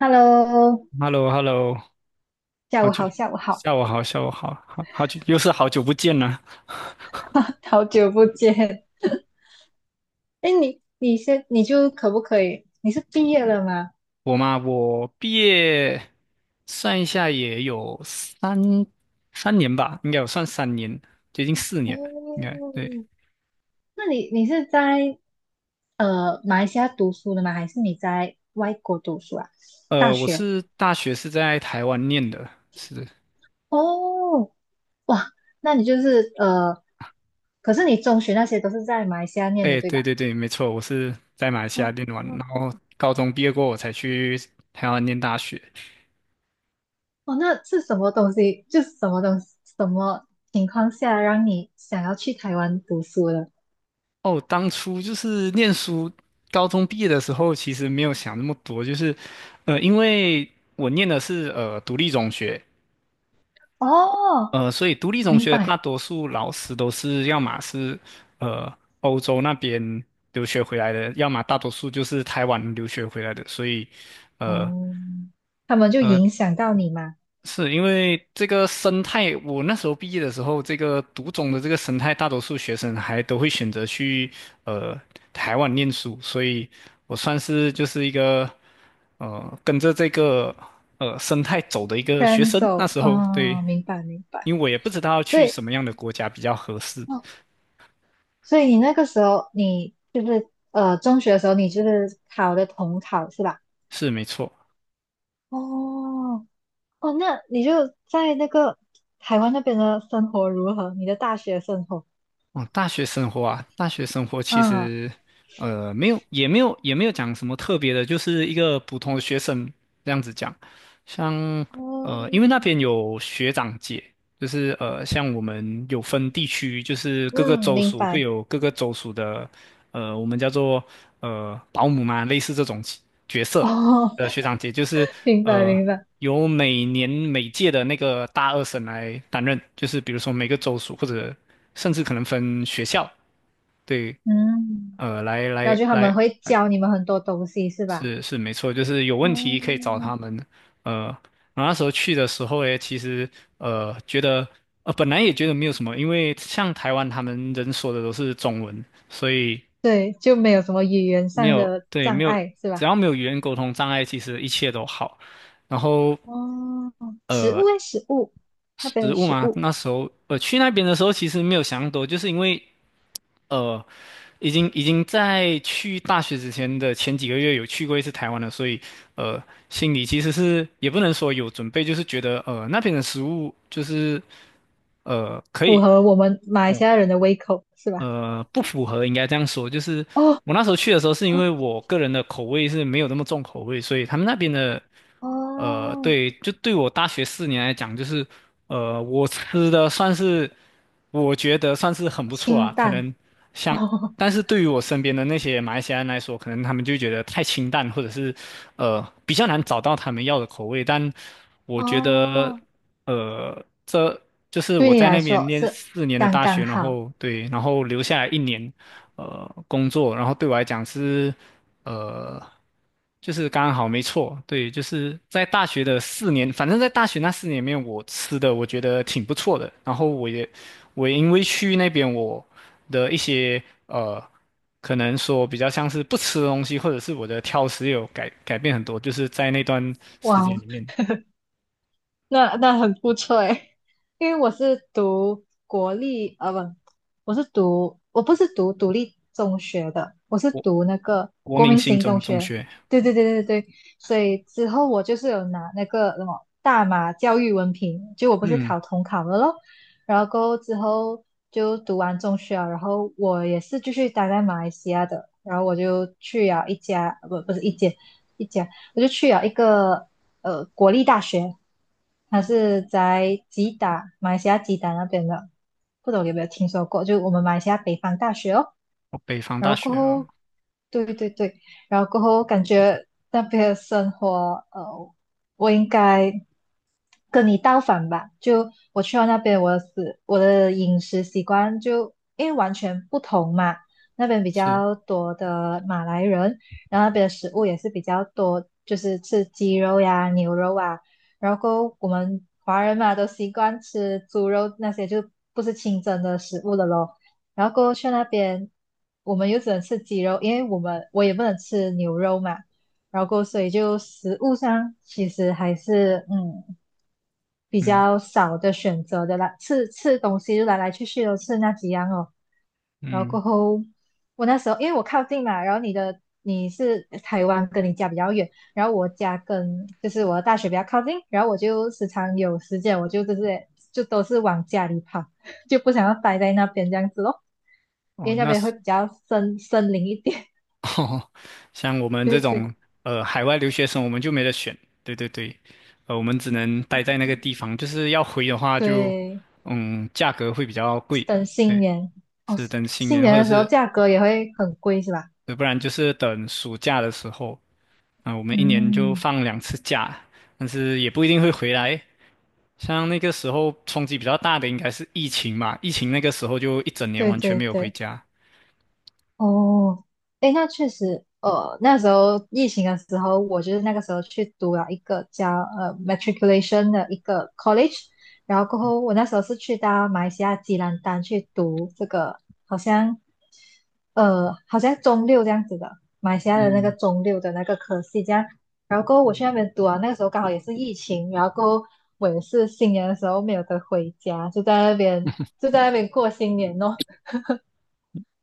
Hello，h e l l o h e l l o 下好午久，好，下午好，下午好，下午好，好久，又是好久不见了。好久不见。哎，你先，你就可不可以？你是毕业了吗？我嘛，我毕业算一下也有三年吧，应该有算三年，接近四年了，应该哦，对。那你是在马来西亚读书的吗？还是你在外国读书啊？大我学？是大学是在台湾念的。是。哦，哇，那你就是可是你中学那些都是在马来西亚念的，哎，对对吧？对对，没错，我是在马来西亚念哦完，然后高中毕业过，我才去台湾念大学。哦，那是什么东西？就是什么东西，什么情况下让你想要去台湾读书的？哦，当初就是念书。高中毕业的时候，其实没有想那么多，就是，因为我念的是独立中学。哦所以独立中明学大白。多数老师都是要么是呃欧洲那边留学回来的，要么大多数就是台湾留学回来的，所以，呃。哦，他们就呃影响到你嘛，是因为这个生态，我那时候毕业的时候，这个读中的这个生态，大多数学生还都会选择去呃台湾念书，所以我算是就是一个跟着这个生态走的一个学赶生。那走。时候对。哦，明白明白。因为我也不知道所去以，什么样的国家比较合适。哦，所以你那个时候，你就是中学的时候，你就是考的统考是吧？是没错。哦哦，那你就在那个台湾那边的生活如何？你的大学生活？哦，大学生活啊，大学生活其嗯实，没有，也没有，也没有讲什么特别的，就是一个普通的学生，这样子讲。像，哦，因为那边有学长姐。就是像我们有分地区，就是各个嗯，州明属会白。有各个州属的。我们叫做保姆嘛，类似这种角哦，色。学长姐，就是明白呃明白。由每年每届的那个大二审来担任，就是比如说每个州属或者甚至可能分学校。对。嗯，来然后来就他们来。会教你们很多东西是吧？是没错，就是有问题可以找哦，他们。呃，然后那时候去的时候诶，其实觉得本来也觉得没有什么，因为像台湾他们人说的都是中文，所以对，就没有什么语言没上有，的对，障没有。碍，是只吧？要没有语言沟通障碍，其实一切都好。然后，哦，食呃，物诶，食物，那边食的物食嘛，物那时候去那边的时候，其实没有想那么多，就是因为呃已经在去大学之前的前几个月有去过1次台湾了，所以呃心里其实是也不能说有准备，就是觉得那边的食物就是可符以。合我们马来西哦亚人的胃口，是吧？不符合，应该这样说。就是哦，我那时候去的时候，是因为我个人的口味是没有那么重口味，所以他们那边的，哦，对，就对我大学四年来讲，就是我吃的算是我觉得算是很不错清啊，可淡，能 像，哦，但是对于我身边的那些马来西亚人来说，可能他们就觉得太清淡，或者是比较难找到他们要的口味，但我觉得。哦，这就是对我你在来那边说念是四年的刚大刚学，然好。后对，然后留下来一年。工作。然后对我来讲是，呃，就是刚好没错，对，就是在大学的四年，反正在大学那四年里面，我吃的我觉得挺不错的，然后我也因为去那边我的一些呃。可能说比较像是不吃的东西，或者是我的挑食有改变很多，就是在那段时间哇，里面。那很不错诶，因为我是读国立，不，我不是读独立中学的，我是国读那个国国民民性型中中中学。学。对对对对对，所以之后我就是有拿那个什么大马教育文凭，就我不是嗯。考统考了咯，然后过后之后就读完中学啊，然后我也是继续待在马来西亚的，然后我就去了一家，呃不不是一间。一家。我就去了一个国立大学，它是在吉打，马来西亚吉打那边的，不懂有没有听说过？就我们马来西亚北方大学哦。哦，北方然大后过学哦。后，对对对，然后过后感觉那边的生活，我应该跟你倒反吧。就我去到那边，我的饮食习惯就因为完全不同嘛。那边比是。较多的马来人，然后那边的食物也是比较多，就是吃鸡肉呀、牛肉啊。然后我们华人嘛，都习惯吃猪肉那些，就不是清真的食物了咯。然后过后去那边，我们又只能吃鸡肉，因为我们我也不能吃牛肉嘛。然后过后所以就食物上其实还是比嗯较少的选择的啦，吃吃东西就来来去去都吃那几样哦。然后嗯。过后，我那时候因为我靠近嘛，然后你是台湾，跟你家比较远，然后我家跟就是我的大学比较靠近，然后我就时常有时间，我就都是往家里跑，就不想要待在那边这样子咯，因哦，为那那边是 会比较森林一点，哦，像我 们这对对种海外留学生，我们就没得选。对对对。我们只能待在那个地方，就是要回的话就，对，嗯，价格会比较贵。等新对。年哦，是等新新年年或者的时候是，价格也会很贵是吧？不然就是等暑假的时候。啊，我们一年就嗯，放2次假，但是也不一定会回来。像那个时候冲击比较大的应该是疫情嘛，疫情那个时候就一整年对完全对没有回对。家。哦，诶，那确实，那时候疫情的时候，我就是那个时候去读了一个叫matriculation 的一个 college，然后过后我那时候是去到马来西亚吉兰丹去读这个，好像中六这样子的，马来西亚的那个嗯中六的那个科系这样，然后过后我去嗯。那边读啊，那个时候刚好也是疫情，然后过后我也是新年的时候没有得回家，就在那边过新年哦。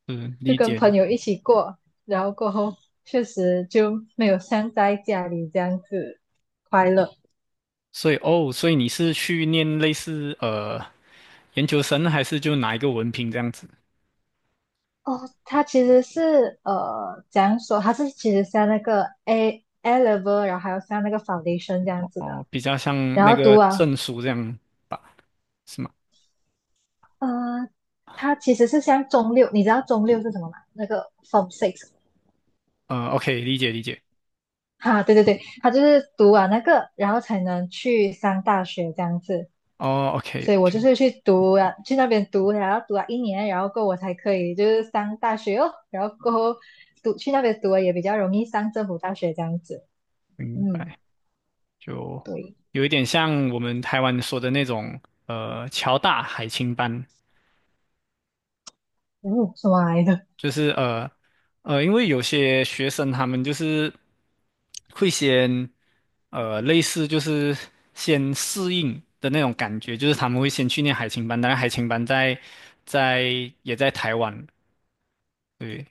是就理跟解。朋友一起过，然后过后确实就没有像在家里这样子快乐。所以哦，所以你是去念类似研究生，还是就拿一个文凭这样子？哦，他其实是怎样说？他是其实像那个 A level，然后还有像那个 foundation 这样子的。哦，比较像然那后读个完，证书这样吧，是吗？呃，他其实是像中六，你知道中六是什么吗？那个 Form Six，OK，理解理解。哈，对对对，他就是读完那个，然后才能去上大学这样子。哦所以我就，OK，OK，是去读了，去那边读，然后读了一年，然后过后我才可以就是上大学哦，然后过后去那边读了也比较容易上政府大学这样子。明嗯，白。就对，有一点像我们台湾说的那种侨大海青班。嗯，什么来的？就是因为有些学生他们就是会先类似就是先适应的那种感觉，就是他们会先去念海青班。当然海青班在在也在台湾。对。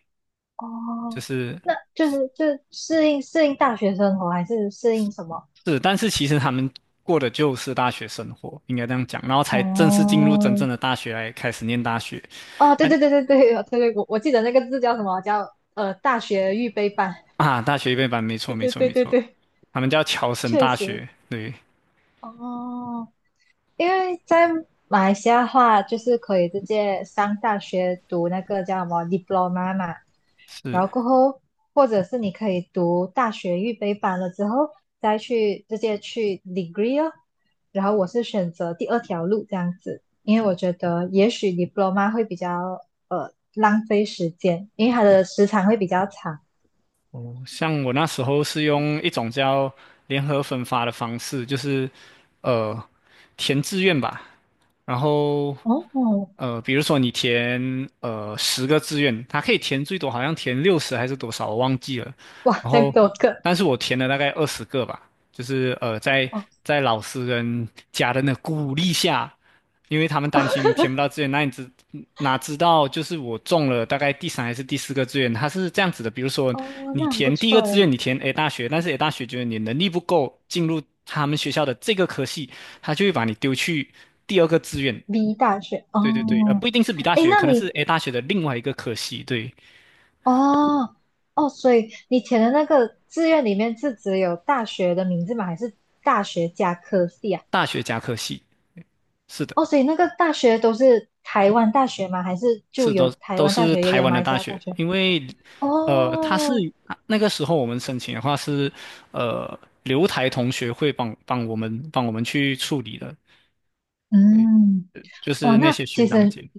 就哦，是那就是适应适应大学生活，还是适应什么？是，但是其实他们过的就是大学生活，应该这样讲，然后才正式进入真哦，正的大学来开始念大学。哦，对啊对对对对对对，我记得那个字叫什么？叫大学预备班。啊，大学预备班，没 错对没对错对没对错。对，他们叫侨生确大实。学。对。哦，因为在马来西亚的话，就是可以直接上大学读那个叫什么 diploma 嘛，然是。后过后，或者是你可以读大学预备班了之后，再去直接去 degree 哦。然后我是选择第二条路这样子，因为我觉得也许 diploma 会比较浪费时间，因为它的时长会比较长。哦，像我那时候是用一种叫联合分发的方式，就是呃填志愿吧，然后哦，比如说你填10个志愿，它可以填最多好像填60还是多少我忘记了，哇，然这样后多个但是我填了大概20个吧，就是在哦在老师跟家人的鼓励下。因为他们担心填不到志愿，那你知哪知道就是我中了大概第三还是第四个志愿，它是这样子的，比如说哦，你那很不填第一个错志诶。愿，你填 A 大学，但是 A 大学觉得你能力不够进入他们学校的这个科系，他就会把你丢去第二个志愿。B 大学对对对。哦，不一定是 B 大诶，学，那可能是 你 A 大学的另外一个科系。对。哦哦，所以你填的那个志愿里面是只有大学的名字吗？还是大学加科系啊？大学加科系，是的。哦，所以那个大学都是台湾大学吗？还是就是有都台都湾大是学，也台有湾马的来西大亚大学。学？因为他是哦，那个时候我们申请的话是呃留台同学会帮我们去处理的，嗯，就哦，是那那些其学长实姐。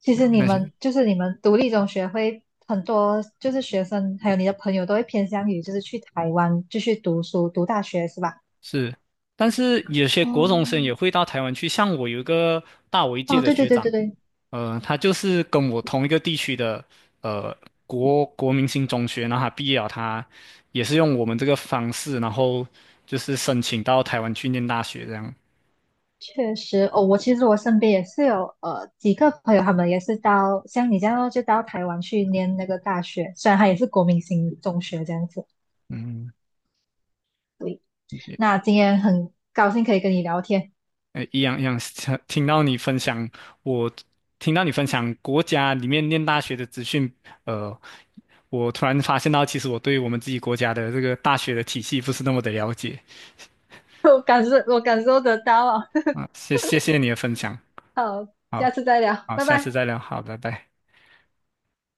其对实你那些们就是独立中学会很多，就是学生还有你的朋友都会偏向于就是去台湾继续读书读大学是吧？是。但是有些国中生哦也会到台湾去，像我有一个大我一届哦，的对对学对长。对对。他就是跟我同一个地区的呃国民型中学，然后他毕业了，他也是用我们这个方式，然后就是申请到台湾去念大学这样。确实，哦，其实我身边也是有几个朋友，他们也是到像你这样咯就到台湾去念那个大学，虽然他也是国民型中学这样子。嗯。对，也。那今天很高兴可以跟你聊天，哎，一样一样，听到你分享。我听到你分享国家里面念大学的资讯。呃，我突然发现到，其实我对我们自己国家的这个大学的体系不是那么的了解 我感受得到啊。啊。谢谢你的分享。好，好。下次再聊，好，拜下次拜。再聊。好，拜拜。